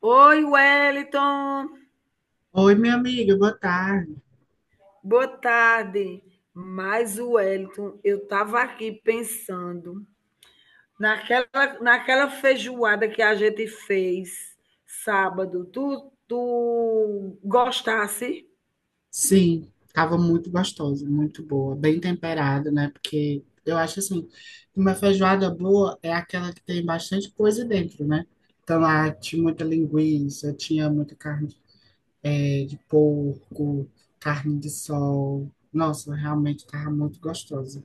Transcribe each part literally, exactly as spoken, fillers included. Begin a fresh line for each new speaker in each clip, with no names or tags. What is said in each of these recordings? Oi, Wellington.
Oi, minha amiga, boa tarde.
Boa tarde. Mas Wellington, eu estava aqui pensando naquela, naquela feijoada que a gente fez sábado. Tu, tu gostasse?
Sim, estava muito gostosa, muito boa, bem temperada, né? Porque eu acho assim, uma feijoada boa é aquela que tem bastante coisa dentro, né? Então lá tinha muita linguiça, tinha muita carne eh, de porco, carne de sol. Nossa, realmente estava muito gostosa.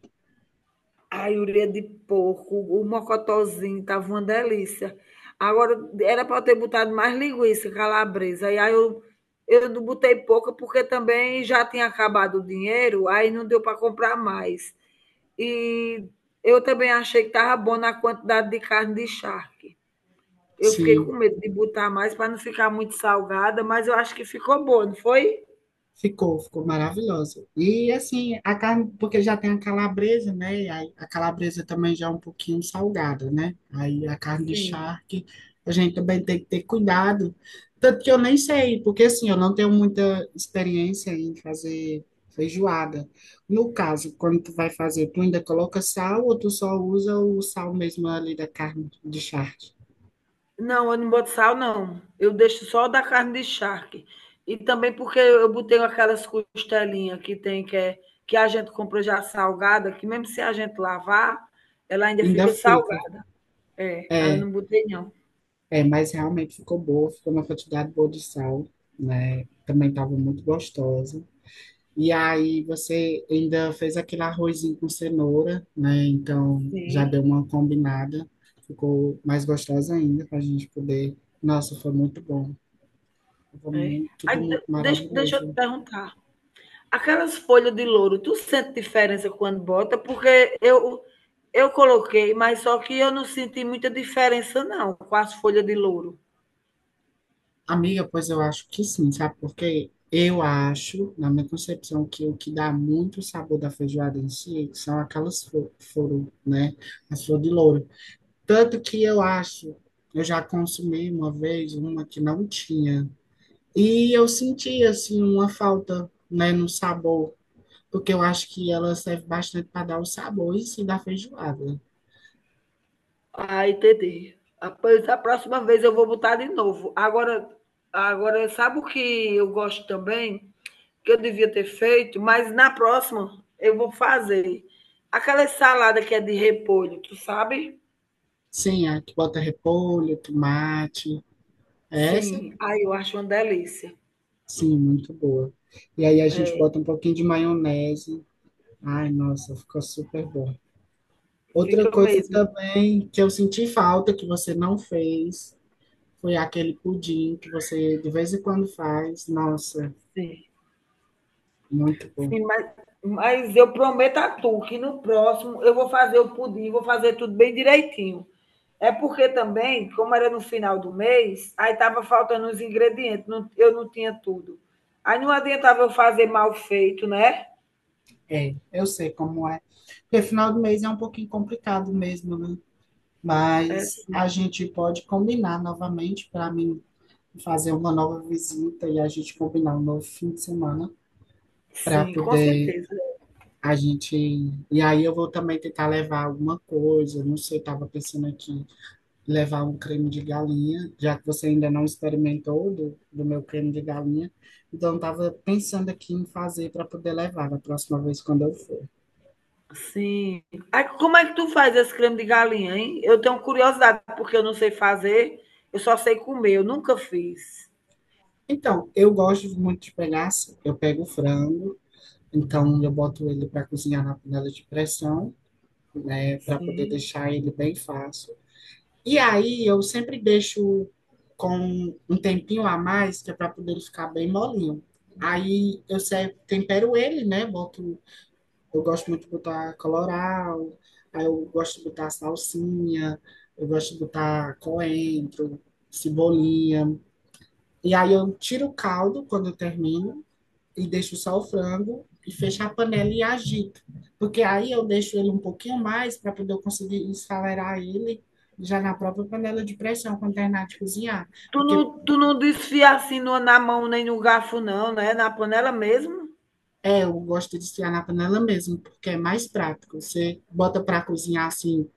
A ureia de porco, o mocotozinho, tava uma delícia. Agora, era para eu ter botado mais linguiça calabresa. E aí eu, eu não botei pouca porque também já tinha acabado o dinheiro, aí não deu para comprar mais. E eu também achei que estava bom na quantidade de carne de charque. Eu fiquei com
Sim,
medo de botar mais para não ficar muito salgada, mas eu acho que ficou boa, não foi?
Ficou, ficou maravilhosa. E assim, a carne, porque já tem a calabresa, né? E aí a calabresa também já é um pouquinho salgada, né? Aí a carne de
Sim.
charque, a gente também tem que ter cuidado. Tanto que eu nem sei, porque assim, eu não tenho muita experiência em fazer feijoada. No caso, quando tu vai fazer, tu ainda coloca sal ou tu só usa o sal mesmo ali da carne de charque?
Não, eu não boto sal, não. Eu deixo só da carne de charque. E também porque eu botei aquelas costelinhas que tem, que, é, que a gente compra já salgada, que mesmo se a gente lavar, ela ainda
Ainda
fica
fica.
salgada. É, aí eu
É,
não botei, não.
É, mas realmente ficou boa, ficou uma quantidade boa de sal, né? Também estava muito gostosa. E aí você ainda fez aquele arrozinho com cenoura, né? Então já
Sim.
deu uma combinada, ficou mais gostosa ainda para a gente poder. Nossa, foi muito bom. Foi
É.
mu- tudo
Aí, de-
muito
deixa, deixa eu te
maravilhoso.
perguntar. Aquelas folhas de louro, tu sente diferença quando bota? Porque eu, eu coloquei, mas só que eu não senti muita diferença, não, com as folhas de louro.
Amiga, pois eu acho que sim, sabe por quê? Eu acho, na minha concepção, que o que dá muito sabor da feijoada em si são aquelas flores, né? As flores de louro. Tanto que eu acho, eu já consumi uma vez uma que não tinha. E eu senti, assim, uma falta, né, no sabor, porque eu acho que ela serve bastante para dar o sabor e sim da feijoada.
Ah, entendi. Após a próxima vez eu vou botar de novo. Agora, agora sabe o que eu gosto também? Que eu devia ter feito, mas na próxima eu vou fazer. Aquela salada que é de repolho, tu sabe?
Sim, a que bota repolho, tomate. Essa,
Sim. Aí eu acho uma delícia.
sim, muito boa. E aí a gente
É,
bota um pouquinho de maionese. Ai, nossa, ficou super bom. Outra
fica
coisa
mesmo.
também que eu senti falta, que você não fez, foi aquele pudim que você de vez em quando faz. Nossa,
Sim.
muito bom.
Sim, mas, mas eu prometo a tu que no próximo eu vou fazer o pudim, vou fazer tudo bem direitinho. É porque também, como era no final do mês, aí estava faltando os ingredientes, não- eu não tinha tudo. Aí não adiantava eu fazer mal feito, né?
É, eu sei como é. Porque final do mês é um pouquinho complicado mesmo, né?
É,
Mas
sim,
a gente pode combinar novamente para mim fazer uma nova visita e a gente combinar um novo fim de semana para
sim, com
poder
certeza.
a gente. E aí eu vou também tentar levar alguma coisa. Não sei, estava pensando aqui levar um creme de galinha, já que você ainda não experimentou do, do meu creme de galinha. Então, estava pensando aqui em fazer para poder levar da próxima vez quando eu for.
Sim. Aí como é que tu faz esse creme de galinha, hein? Eu tenho curiosidade, porque eu não sei fazer, eu só sei comer, eu nunca fiz.
Então, eu gosto muito de pegar assim, eu pego o frango, então eu boto ele para cozinhar na panela de pressão, né, para poder
Sim.
deixar ele bem fácil. E aí eu sempre deixo com um tempinho a mais, que é para poder ele ficar bem molinho. Aí eu se- Tempero ele, né? Boto, eu gosto muito de botar colorau, aí eu gosto de botar salsinha, eu gosto de botar coentro, cebolinha. E aí eu tiro o caldo quando eu termino e deixo só o frango e fecho a panela e agito. Porque aí eu deixo ele um pouquinho mais para poder eu conseguir esfalear ele já na própria panela de pressão quando terminar de cozinhar.
Tu
Porque
não, tu não desfia assim no- na mão nem no garfo, não, né? Na panela mesmo?
é, eu gosto de esfriar na panela mesmo, porque é mais prático. Você bota para cozinhar assim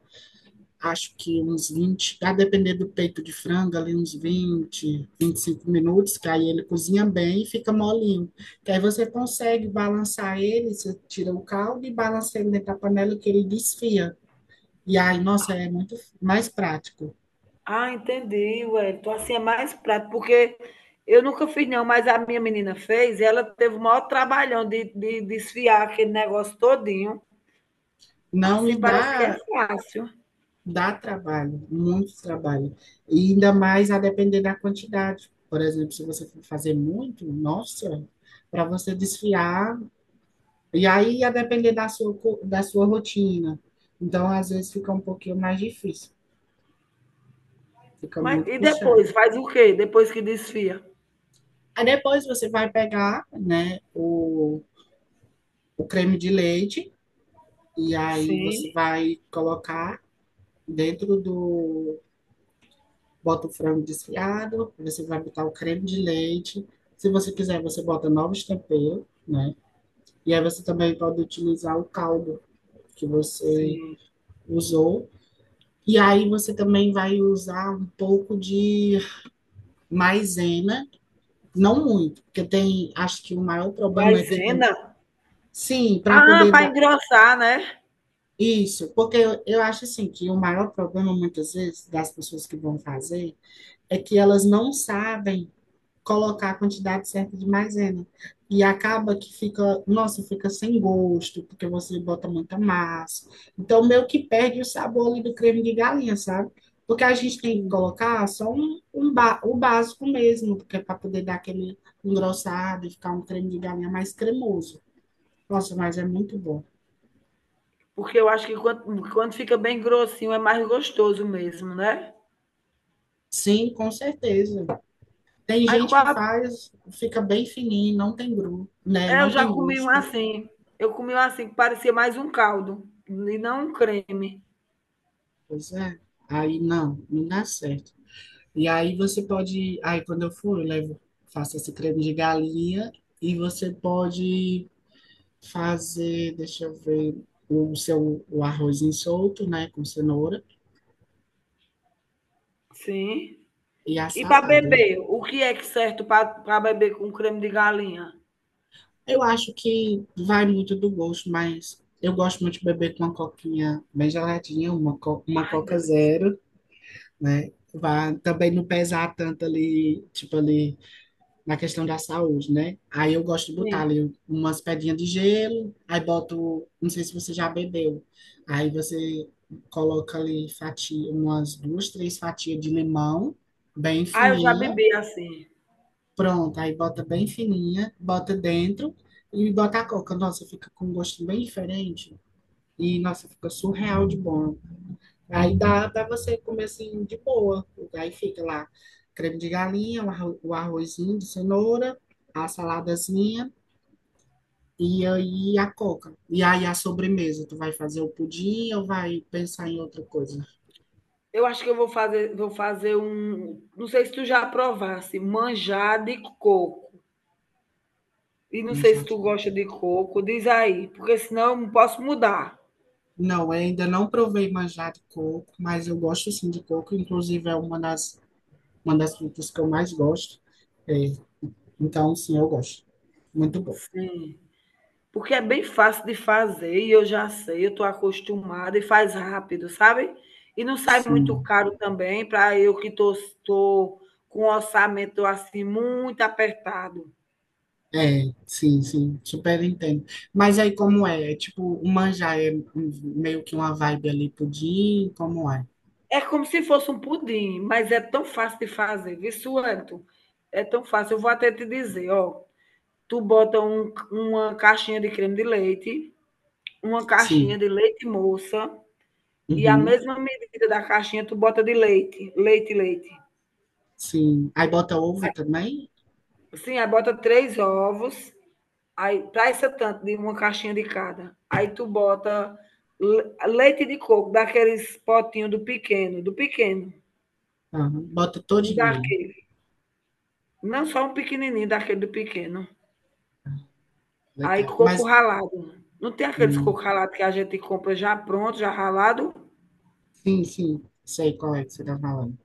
acho que uns vinte, a depender do peito de frango, ali uns vinte, vinte e cinco minutos, que aí ele cozinha bem e fica molinho. Que aí você consegue balançar ele, você tira o caldo e balança ele dentro da panela que ele desfia. E aí, nossa, é muito mais prático.
Ah, entendi, ué. Então, assim é mais prático, porque eu nunca fiz, não, mas a minha menina fez e ela teve o maior trabalhão de, de desfiar aquele negócio todinho.
Não,
Assim
e
parece que é
dá,
fácil.
Dá trabalho, muito trabalho. E ainda mais a depender da quantidade. Por exemplo, se você for fazer muito, nossa, para você desfiar. E aí ia depender da sua, co- da sua rotina. Então, às vezes fica um pouquinho mais difícil, fica
Mas
muito
e depois?
puxado.
Faz o quê? Depois que desfia?
Aí depois você vai pegar, né, o, o creme de leite e aí
Sim,
você vai colocar dentro do... Bota o frango desfiado, você vai botar o creme de leite. Se você quiser, você bota novos temperos, né? E aí você também pode utilizar o caldo que você
sim.
usou. E aí você também vai usar um pouco de maisena, não muito, porque tem, acho que o maior problema é que tem,
Maisena?
sim, para
Ah,
poder
para
dar
engrossar, né?
isso, porque eu, eu acho assim que o maior problema muitas vezes das pessoas que vão fazer é que elas não sabem colocar a quantidade certa de maisena. E acaba que fica, nossa, fica sem gosto, porque você bota muita massa. Então, meio que perde o sabor ali do creme de galinha, sabe? Porque a gente tem que
Sim.
colocar só um, um ba- o básico mesmo, porque é para poder dar aquele engrossado e ficar um creme de galinha mais cremoso. Nossa, mas é muito bom.
Porque eu acho que quando, quando fica bem grossinho é mais gostoso mesmo, né?
Sim, com certeza. Tem
Aí com
gente que
a-
faz, fica bem fininho, não tem gru, né?
eu
Não
já
tem
comi um
gosto.
assim. Eu comi um assim, que parecia mais um caldo, e não um creme.
Pois é. Aí não, não dá certo. E aí você pode, aí quando eu for, eu levo, faço esse creme de galinha e você pode fazer, deixa eu ver, o seu o arrozinho solto, né, com cenoura
Sim.
e a
E para
salada.
beber, o que é que certo para beber com creme de galinha?
Eu acho que vai muito do gosto, mas eu gosto muito de beber com uma coquinha bem geladinha, uma, co- uma
Ai,
Coca
delícia.
Zero, né? Vai também não pesar tanto ali, tipo ali na questão da saúde, né? Aí eu gosto de botar
Sim.
ali umas pedrinhas de gelo, aí boto, não sei se você já bebeu, aí você coloca ali fatia, umas duas, três fatias de limão, bem
Ah, eu já
fininha,
bebi assim.
pronto, aí bota bem fininha, bota dentro e bota a coca. Nossa, fica com um gosto bem diferente e, nossa, fica surreal de bom. Aí dá, dá você comer assim de boa. Aí fica lá creme de galinha, o arro- o arrozinho de cenoura, a saladazinha e aí a coca. E aí a sobremesa, tu vai fazer o pudim ou vai pensar em outra coisa?
Eu acho que eu vou fazer, vou fazer um. Não sei se tu já provasse, manjar de coco. E não sei se
Manjado.
tu gosta de coco, diz aí, porque senão eu não posso mudar.
Não, eu ainda não provei manjado de coco, mas eu gosto sim de coco, inclusive é uma das, uma das frutas que eu mais gosto. É, então, sim, eu gosto. Muito bom.
Sim. Porque é bem fácil de fazer e eu já sei, eu estou acostumada e faz rápido, sabe? E não sai muito
Sim.
caro também para eu que estou com um orçamento assim muito apertado.
É, sim, sim, super entendo. Mas aí como é? É tipo, o manjar é um- meio que uma vibe ali pudim, como é?
É como se fosse um pudim, mas é tão fácil de fazer, viu, Suanto? É tão fácil. Eu vou até te dizer, ó. Tu bota um- uma caixinha de creme de leite, uma caixinha
Sim,
de leite moça e a
uhum,
mesma medida da caixinha tu bota de leite, leite, leite.
sim. Aí bota ovo também?
Sim, aí bota três ovos, aí para essa tanto de uma caixinha de cada. Aí tu bota le- leite de coco, daqueles potinhos do pequeno, do pequeno,
Aham, bota
um
todinho ele.
daquele. Não só um pequenininho, daquele do pequeno. Aí
Legal.
coco
Mas,
ralado. Não tem aqueles
hum,
coco ralado que a gente compra já pronto, já ralado?
sim, sim, sei qual é que você tá falando.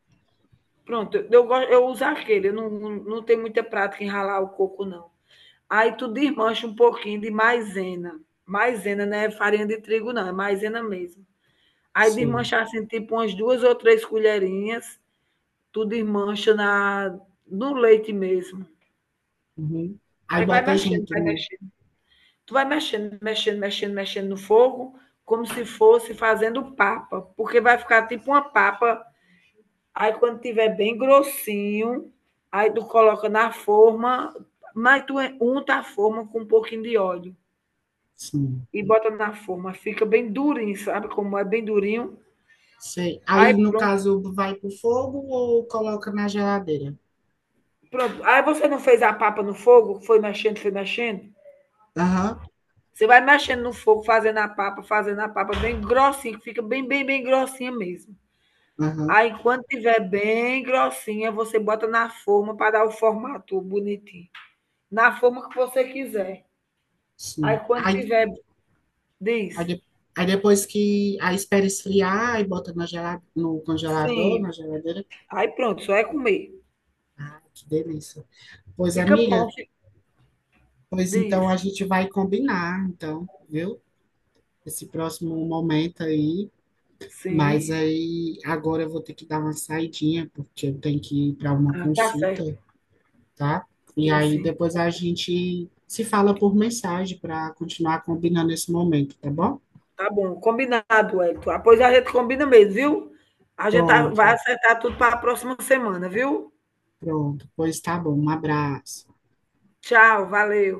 Pronto, eu, gosto, eu uso aquele, eu não, não, não tenho muita prática em ralar o coco, não. Aí tu desmancha um pouquinho de maisena. Maisena não é farinha de trigo, não, é maisena mesmo. Aí
Sei.
desmanchar assim, tipo umas duas ou três colherinhas, tu desmancha na, no leite mesmo.
Uhum. Aí
Aí vai
bota
mexendo,
junto
vai
no...
mexendo. Tu vai mexendo, mexendo, mexendo, mexendo no fogo, como se fosse fazendo papa, porque vai ficar tipo uma papa. Aí quando tiver bem grossinho, aí tu coloca na forma, mas tu é, unta a forma com um pouquinho de óleo
Sim,
e bota na forma. Fica bem durinho, sabe como é bem durinho?
sei.
Aí
Aí, no
pronto.
caso, vai pro fogo ou coloca na geladeira?
Pronto. Aí você não fez a papa no fogo, foi mexendo, foi mexendo.
Aham,
Você vai mexendo no fogo, fazendo a papa, fazendo a papa bem grossinha, que fica bem, bem, bem grossinha mesmo.
aham,
Aí, quando tiver bem grossinha, você bota na forma para dar o formato bonitinho. Na forma que você quiser. Aí,
sim.
quando
Aí
tiver,
Aí,
diz,
de- aí depois que. Aí espera esfriar e bota na gela- no congelador,
sim.
na geladeira.
Aí, pronto, só é comer.
Que delícia. Pois,
Fica
amiga,
bom, fi-
pois
diz,
então a gente vai combinar, então, viu? Esse próximo momento aí. Mas
sim.
aí agora eu vou ter que dar uma saidinha, porque eu tenho que ir para uma
Ah, tá certo,
consulta, tá? E
sim,
aí
sim.
depois a gente se fala por mensagem para continuar combinando esse momento, tá bom?
Tá bom, combinado, Elton. Após a gente combina mesmo, viu? A gente tá- vai
Pronto,
acertar tudo para a próxima semana, viu?
pronto. Pois tá bom. Um abraço.
Tchau, valeu.